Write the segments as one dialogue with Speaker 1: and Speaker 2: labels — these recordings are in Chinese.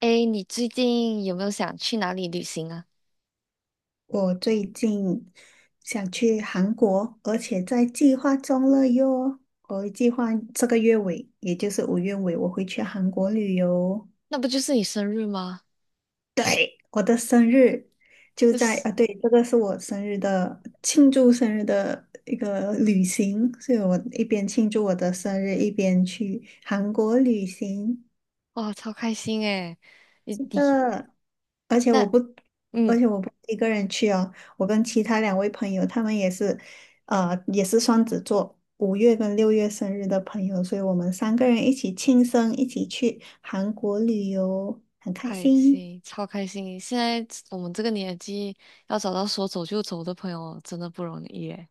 Speaker 1: 哎，你最近有没有想去哪里旅行啊？
Speaker 2: 我最近想去韩国，而且在计划中了哟。我计划这个月尾，也就是5月尾，我会去韩国旅游。
Speaker 1: 那不就是你生日吗？
Speaker 2: 对，我的生日就
Speaker 1: 就
Speaker 2: 在
Speaker 1: 是
Speaker 2: 啊，对，这个是我生日的庆祝生日的一个旅行，所以我一边庆祝我的生日，一边去韩国旅行。
Speaker 1: 哇，超开心哎！你
Speaker 2: 是
Speaker 1: 你
Speaker 2: 的，而且
Speaker 1: 那，
Speaker 2: 我不，
Speaker 1: 嗯，
Speaker 2: 而且我不是一个人去哦，我跟其他2位朋友，他们也是，也是双子座，5月跟6月生日的朋友，所以我们三个人一起庆生，一起去韩国旅游，很开
Speaker 1: 开
Speaker 2: 心。
Speaker 1: 心，超开心！现在我们这个年纪要找到说走就走的朋友真的不容易哎。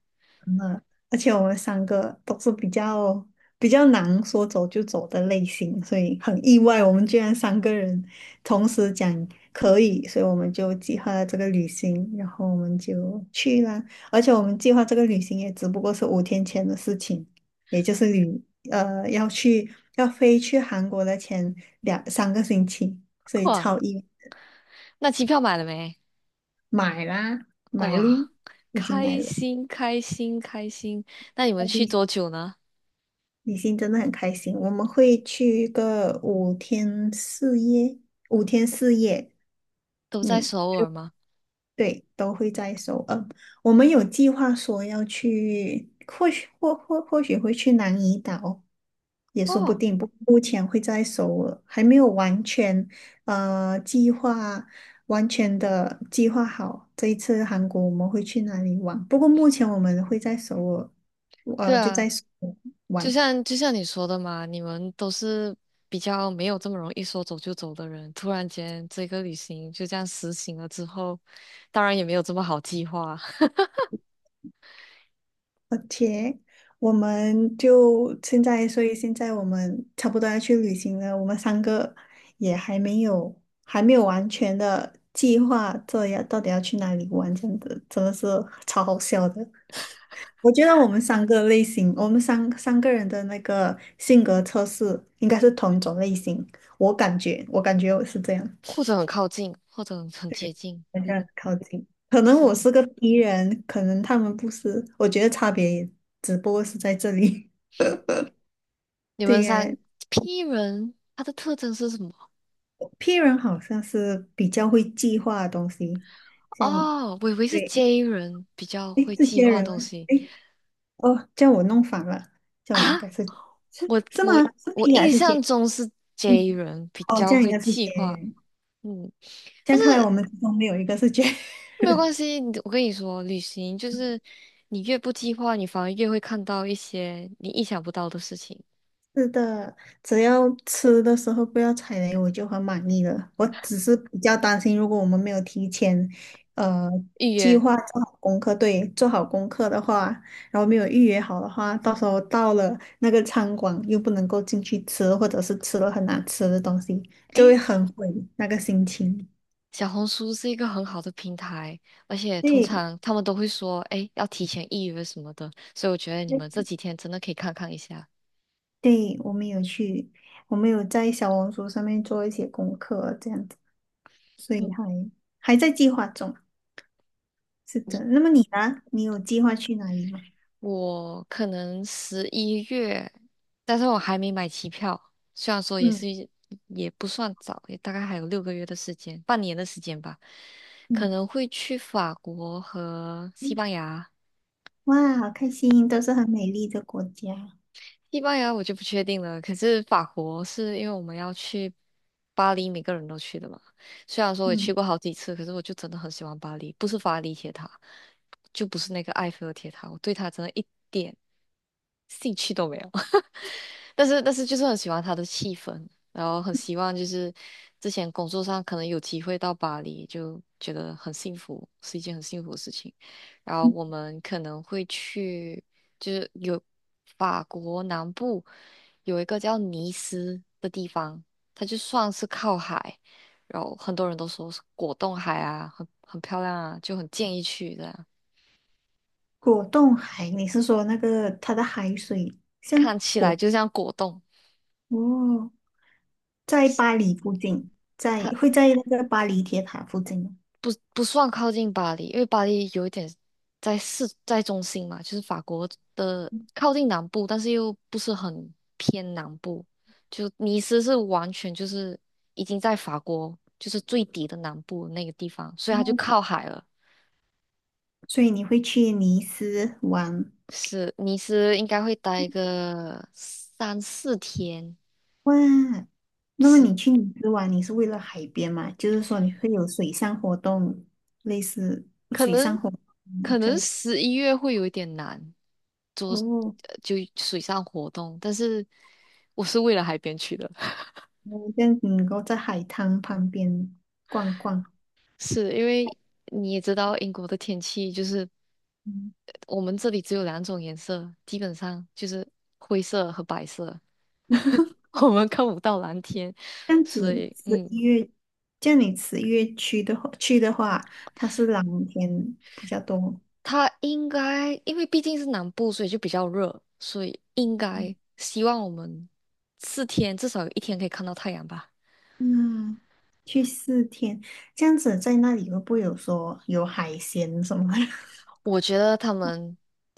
Speaker 2: 而且我们三个都是比较难说走就走的类型，所以很意外，我们居然三个人同时讲可以，所以我们就计划了这个旅行，然后我们就去啦。而且我们计划这个旅行也只不过是5天前的事情，也就是旅呃要去要飞去韩国的前2、3个星期，所以
Speaker 1: 哇，那机票买了没？
Speaker 2: 买啦，买咯，
Speaker 1: 哇，
Speaker 2: 已经买
Speaker 1: 开
Speaker 2: 了。
Speaker 1: 心开心开心！那你们去多久呢？
Speaker 2: 李欣真的很开心，我们会去一个五天四夜，五天四夜，
Speaker 1: 都在
Speaker 2: 嗯，
Speaker 1: 首尔吗？
Speaker 2: 对，都会在首尔。我们有计划说要去，或许会去南怡岛，也说不
Speaker 1: 哦，
Speaker 2: 定。不，目前会在首尔，还没有呃计划，完全的计划好这一次韩国我们会去哪里玩。不过目前我们会在首尔，
Speaker 1: 对
Speaker 2: 就
Speaker 1: 啊，
Speaker 2: 在首尔
Speaker 1: 就
Speaker 2: 玩。
Speaker 1: 像就像你说的嘛，你们都是比较没有这么容易说走就走的人，突然间这个旅行就这样实行了之后，当然也没有这么好计划，
Speaker 2: OK，我们就现在，所以现在我们差不多要去旅行了。我们三个也还没有完全的计划，这要到底要去哪里玩，这样子真的是超好笑的。我觉得我们三个类型，我们三个人的那个性格测试应该是同一种类型，我感觉我是这样，
Speaker 1: 或者很靠近，或者很接近。
Speaker 2: 好像靠近。可能
Speaker 1: 是
Speaker 2: 我
Speaker 1: 的，
Speaker 2: 是个敌人，可能他们不是，我觉得差别也只不过是在这里。
Speaker 1: 你们
Speaker 2: 对呀，
Speaker 1: 三 P 人，他的特征是什么？
Speaker 2: P 人好像是比较会计划的东西，像
Speaker 1: 哦，我以为是
Speaker 2: 对，
Speaker 1: J 人比较
Speaker 2: 诶，
Speaker 1: 会
Speaker 2: 是
Speaker 1: 计
Speaker 2: 接
Speaker 1: 划
Speaker 2: 人吗？
Speaker 1: 东西
Speaker 2: 诶，哦，叫我弄反了，叫
Speaker 1: 啊，
Speaker 2: 我应该是是
Speaker 1: 我
Speaker 2: 是吗？
Speaker 1: 我
Speaker 2: 是
Speaker 1: 我
Speaker 2: P 还
Speaker 1: 印
Speaker 2: 是
Speaker 1: 象
Speaker 2: J？
Speaker 1: 中是
Speaker 2: 嗯，
Speaker 1: J 人比
Speaker 2: 哦，这
Speaker 1: 较
Speaker 2: 样应
Speaker 1: 会
Speaker 2: 该是
Speaker 1: 计
Speaker 2: J
Speaker 1: 划，
Speaker 2: 人。
Speaker 1: 嗯。
Speaker 2: 这
Speaker 1: 但
Speaker 2: 样看来我
Speaker 1: 是
Speaker 2: 们之中没有一个是 J
Speaker 1: 没有
Speaker 2: 人。
Speaker 1: 关系，我跟你说，旅行就是你越不计划，你反而越会看到一些你意想不到的事情。
Speaker 2: 是的，只要吃的时候不要踩雷，我就很满意了。我只是比较担心，如果我们没有提前，呃，
Speaker 1: 预
Speaker 2: 计
Speaker 1: 约，
Speaker 2: 划做好功课，对，做好功课的话，然后没有预约好的话，到时候到了那个餐馆又不能够进去吃，或者是吃了很难吃的东西，就会
Speaker 1: 诶，
Speaker 2: 很毁那个心情。
Speaker 1: 小红书是一个很好的平台，而且通
Speaker 2: 对，
Speaker 1: 常他们都会说，诶，要提前预约什么的，所以我觉得你
Speaker 2: 对，
Speaker 1: 们这几天真的可以看看一下。
Speaker 2: 对，我们有在小红书上面做一些功课，这样子，所以
Speaker 1: 嗯。
Speaker 2: 还在计划中。是的，那么你呢？你有计划去哪里吗？
Speaker 1: 我可能十一月，但是我还没买机票。虽然说
Speaker 2: 嗯
Speaker 1: 也不算早，也大概还有6个月的时间，半年的时间吧。可
Speaker 2: 嗯，
Speaker 1: 能会去法国和西
Speaker 2: 嗯
Speaker 1: 班牙。
Speaker 2: 哇，好开心，都是很美丽的国家。
Speaker 1: 西班牙我就不确定了，可是法国是因为我们要去巴黎，每个人都去的嘛。虽然说我也去
Speaker 2: 嗯
Speaker 1: 过好几次，可是我就真的很喜欢巴黎，不是法里铁塔，就不是那个埃菲尔铁塔，我对它真的一点兴趣都没有。但是就是很喜欢它的气氛，然后很希望就是之前工作上可能有机会到巴黎，就觉得很幸福，是一件很幸福的事情。然后
Speaker 2: 嗯，
Speaker 1: 我们可能会去，就是有法国南部有一个叫尼斯的地方，它就算是靠海，然后很多人都说是果冻海啊，很漂亮啊，就很建议去的，
Speaker 2: 果冻海，你是说那个它的海水像
Speaker 1: 看起来就像果冻。
Speaker 2: 哦，在巴黎附近，在
Speaker 1: 它。
Speaker 2: 会在那个巴黎铁塔附近吗？
Speaker 1: 不算靠近巴黎，因为巴黎有一点在中心嘛，就是法国的
Speaker 2: 嗯
Speaker 1: 靠近南部，但是又不是很偏南部。就尼斯是完全就是已经在法国就是最底的南部那个地方，所以它就
Speaker 2: 哦，
Speaker 1: 靠海了。
Speaker 2: 所以你会去尼斯玩？
Speaker 1: 是尼斯应该会待个3、4天，
Speaker 2: 哇？那么
Speaker 1: 是
Speaker 2: 你去尼斯玩，你是为了海边嘛？就是说你会有水上活动，类似
Speaker 1: 可
Speaker 2: 水上
Speaker 1: 能
Speaker 2: 活动
Speaker 1: 可
Speaker 2: 这
Speaker 1: 能
Speaker 2: 样子
Speaker 1: 十一月会有一点难做，
Speaker 2: 哦。
Speaker 1: 就水上活动，但是我是为了海边去的。
Speaker 2: 嗯这样子能够在海滩旁边逛逛。
Speaker 1: 是因为你也知道英国的天气就是
Speaker 2: 嗯，
Speaker 1: 我们这里只有两种颜色，基本上就是灰色和白色，我们看不到蓝天，
Speaker 2: 这样
Speaker 1: 所
Speaker 2: 子
Speaker 1: 以
Speaker 2: 十一月，这样你十一月去的话，它是蓝天比较多。
Speaker 1: 它应该因为毕竟是南部，所以就比较热，所以应
Speaker 2: 嗯
Speaker 1: 该希望我们四天至少有一天可以看到太阳吧。
Speaker 2: 那去4天，这样子在那里会不会有说有海鲜什么的？
Speaker 1: 我觉得他们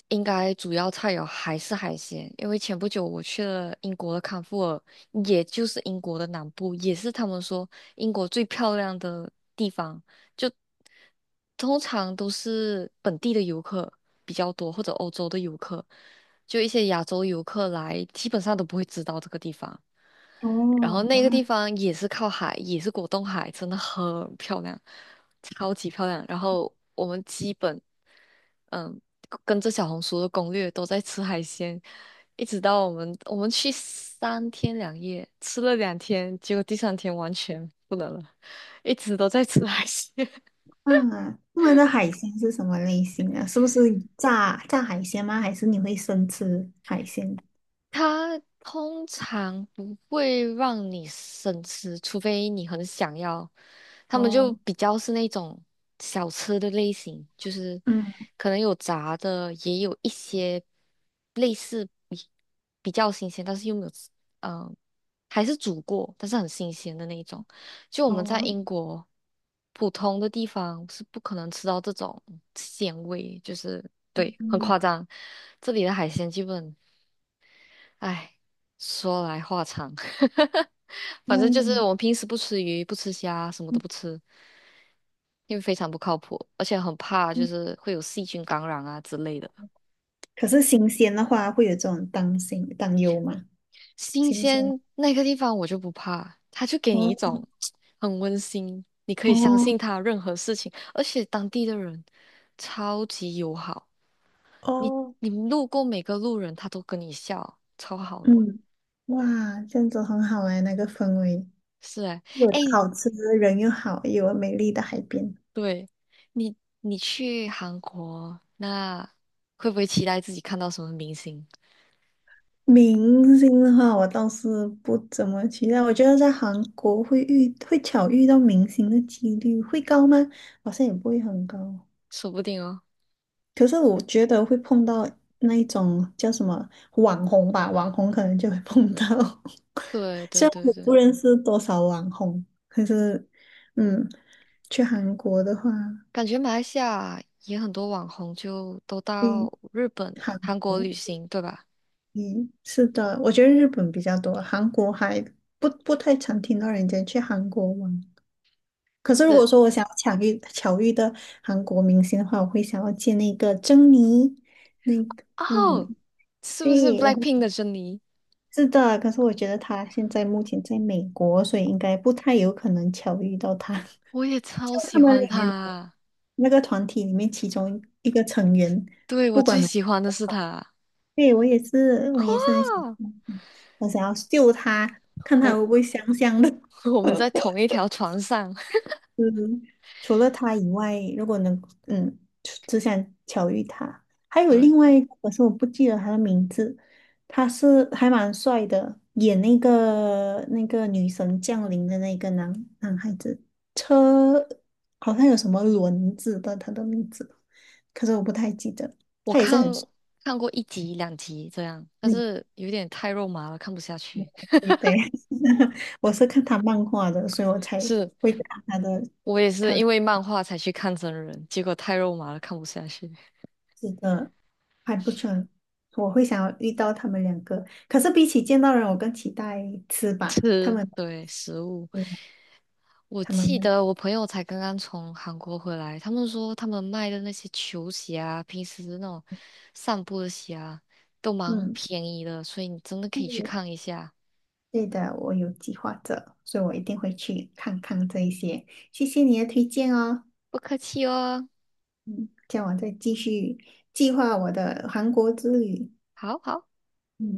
Speaker 1: 应该主要菜肴还是海鲜，因为前不久我去了英国的康沃尔，也就是英国的南部，也是他们说英国最漂亮的地方，就通常都是本地的游客比较多，或者欧洲的游客，就一些亚洲游客来，基本上都不会知道这个地方。然后
Speaker 2: 哦，
Speaker 1: 那
Speaker 2: 哇，
Speaker 1: 个地方也是靠海，也是果冻海，真的很漂亮，超级漂亮。然后我们基本。嗯，跟着小红书的攻略都在吃海鲜，一直到我们去3天2夜，吃了2天，结果第三天完全不能了，一直都在吃海鲜。
Speaker 2: 嗯，他们的海鲜是什么类型啊？是不是炸海鲜吗？还是你会生吃海鲜？
Speaker 1: 它通常不会让你生吃，除非你很想要。他们就
Speaker 2: 哦，
Speaker 1: 比较是那种小吃的类型，就是
Speaker 2: 嗯，
Speaker 1: 可能有炸的，也有一些类似比较新鲜，但是又没有吃，嗯、还是煮过，但是很新鲜的那一种。就我们在
Speaker 2: 哦，
Speaker 1: 英国普通的地方是不可能吃到这种鲜味，就是对，很
Speaker 2: 嗯，
Speaker 1: 夸张。这里的海鲜基本。哎，说来话长，反
Speaker 2: 那
Speaker 1: 正就是
Speaker 2: 你。
Speaker 1: 我们平时不吃鱼、不吃虾，什么都不吃，因为非常不靠谱，而且很怕就是会有细菌感染啊之类的。
Speaker 2: 可是新鲜的话，会有这种担心担忧吗？
Speaker 1: 新
Speaker 2: 新鲜的
Speaker 1: 鲜那个地方我就不怕，它就给你一
Speaker 2: 哦
Speaker 1: 种很温馨，你可以相
Speaker 2: 哦
Speaker 1: 信他任何事情，而且当地的人超级友好，你
Speaker 2: 哦，
Speaker 1: 你路过每个路人他都跟你笑，超好的。
Speaker 2: 嗯，哇，这样子很好哎，那个氛围，
Speaker 1: 是哎，
Speaker 2: 有的
Speaker 1: 哎，
Speaker 2: 好吃，人又好，又有美丽的海边。
Speaker 1: 对，你去韩国，那会不会期待自己看到什么明星？
Speaker 2: 明星的话，我倒是不怎么期待。我觉得在韩国会巧遇到明星的几率会高吗？好像也不会很高。
Speaker 1: 说不定哦。
Speaker 2: 可是我觉得会碰到那一种叫什么网红吧，网红可能就会碰到。
Speaker 1: 对对
Speaker 2: 虽然
Speaker 1: 对
Speaker 2: 我
Speaker 1: 对，
Speaker 2: 不认识多少网红，可是，嗯，去韩国的话，
Speaker 1: 感觉马来西亚也很多网红就都
Speaker 2: 嗯，
Speaker 1: 到日本、
Speaker 2: 韩
Speaker 1: 韩国
Speaker 2: 国，
Speaker 1: 旅行，对吧？
Speaker 2: 嗯，是的，我觉得日本比较多，韩国还不太常听到人家去韩国玩。可是如果
Speaker 1: 是，
Speaker 2: 说我想要巧遇的韩国明星的话，我会想要见那个珍妮，那个，嗯，
Speaker 1: 哦，是不是
Speaker 2: 对，然后。
Speaker 1: BLACKPINK 的珍妮？
Speaker 2: 是的，可是我觉得他现在目前在美国，所以应该不太有可能巧遇到他。
Speaker 1: 我也
Speaker 2: 就
Speaker 1: 超喜
Speaker 2: 他们
Speaker 1: 欢
Speaker 2: 里面的
Speaker 1: 她，
Speaker 2: 那个团体里面，其中一个成员，
Speaker 1: 对，我
Speaker 2: 不管
Speaker 1: 最
Speaker 2: 哪个
Speaker 1: 喜欢的
Speaker 2: 都
Speaker 1: 是
Speaker 2: 好。
Speaker 1: 她。
Speaker 2: 对，我也是很想，
Speaker 1: 哇，
Speaker 2: 嗯我想要救他，看他
Speaker 1: 我
Speaker 2: 会不会香香的。
Speaker 1: 我们在 同一条船上。
Speaker 2: 嗯，除了他以外，如果能，嗯，只想巧遇他，还有
Speaker 1: 对，
Speaker 2: 另外一个，可是我不记得他的名字，他是还蛮帅的，演那个女神降临的那个男孩子，车好像有什么轮子的，他的名字，可是我不太记得，
Speaker 1: 我
Speaker 2: 他也是
Speaker 1: 看
Speaker 2: 很帅，
Speaker 1: 看过一集两集这样，但
Speaker 2: 嗯，
Speaker 1: 是有点太肉麻了，看不下去。
Speaker 2: 对对，我是看他漫画的，所以我才
Speaker 1: 是，
Speaker 2: 会看他的，
Speaker 1: 我也是
Speaker 2: 他
Speaker 1: 因
Speaker 2: 的。
Speaker 1: 为漫画才去看真人，结果太肉麻了，看不下去。
Speaker 2: 是的，还不错。我会想要遇到他们两个，可是比起见到人，我更期待吃吧。他
Speaker 1: 吃，
Speaker 2: 们，
Speaker 1: 对，食物。
Speaker 2: 对
Speaker 1: 我
Speaker 2: 他们
Speaker 1: 记
Speaker 2: 的
Speaker 1: 得我朋友才刚刚从韩国回来，他们说他们卖的那些球鞋啊，平时那种散步的鞋啊，都蛮
Speaker 2: 嗯，
Speaker 1: 便宜的，所以你真的可以去
Speaker 2: 嗯
Speaker 1: 看一下。
Speaker 2: 对的，我有计划着，所以我一定会去看看这一些。谢谢你的推荐哦，
Speaker 1: 不客气哦，
Speaker 2: 叫我再继续计划我的韩国之旅。
Speaker 1: 好好。
Speaker 2: 嗯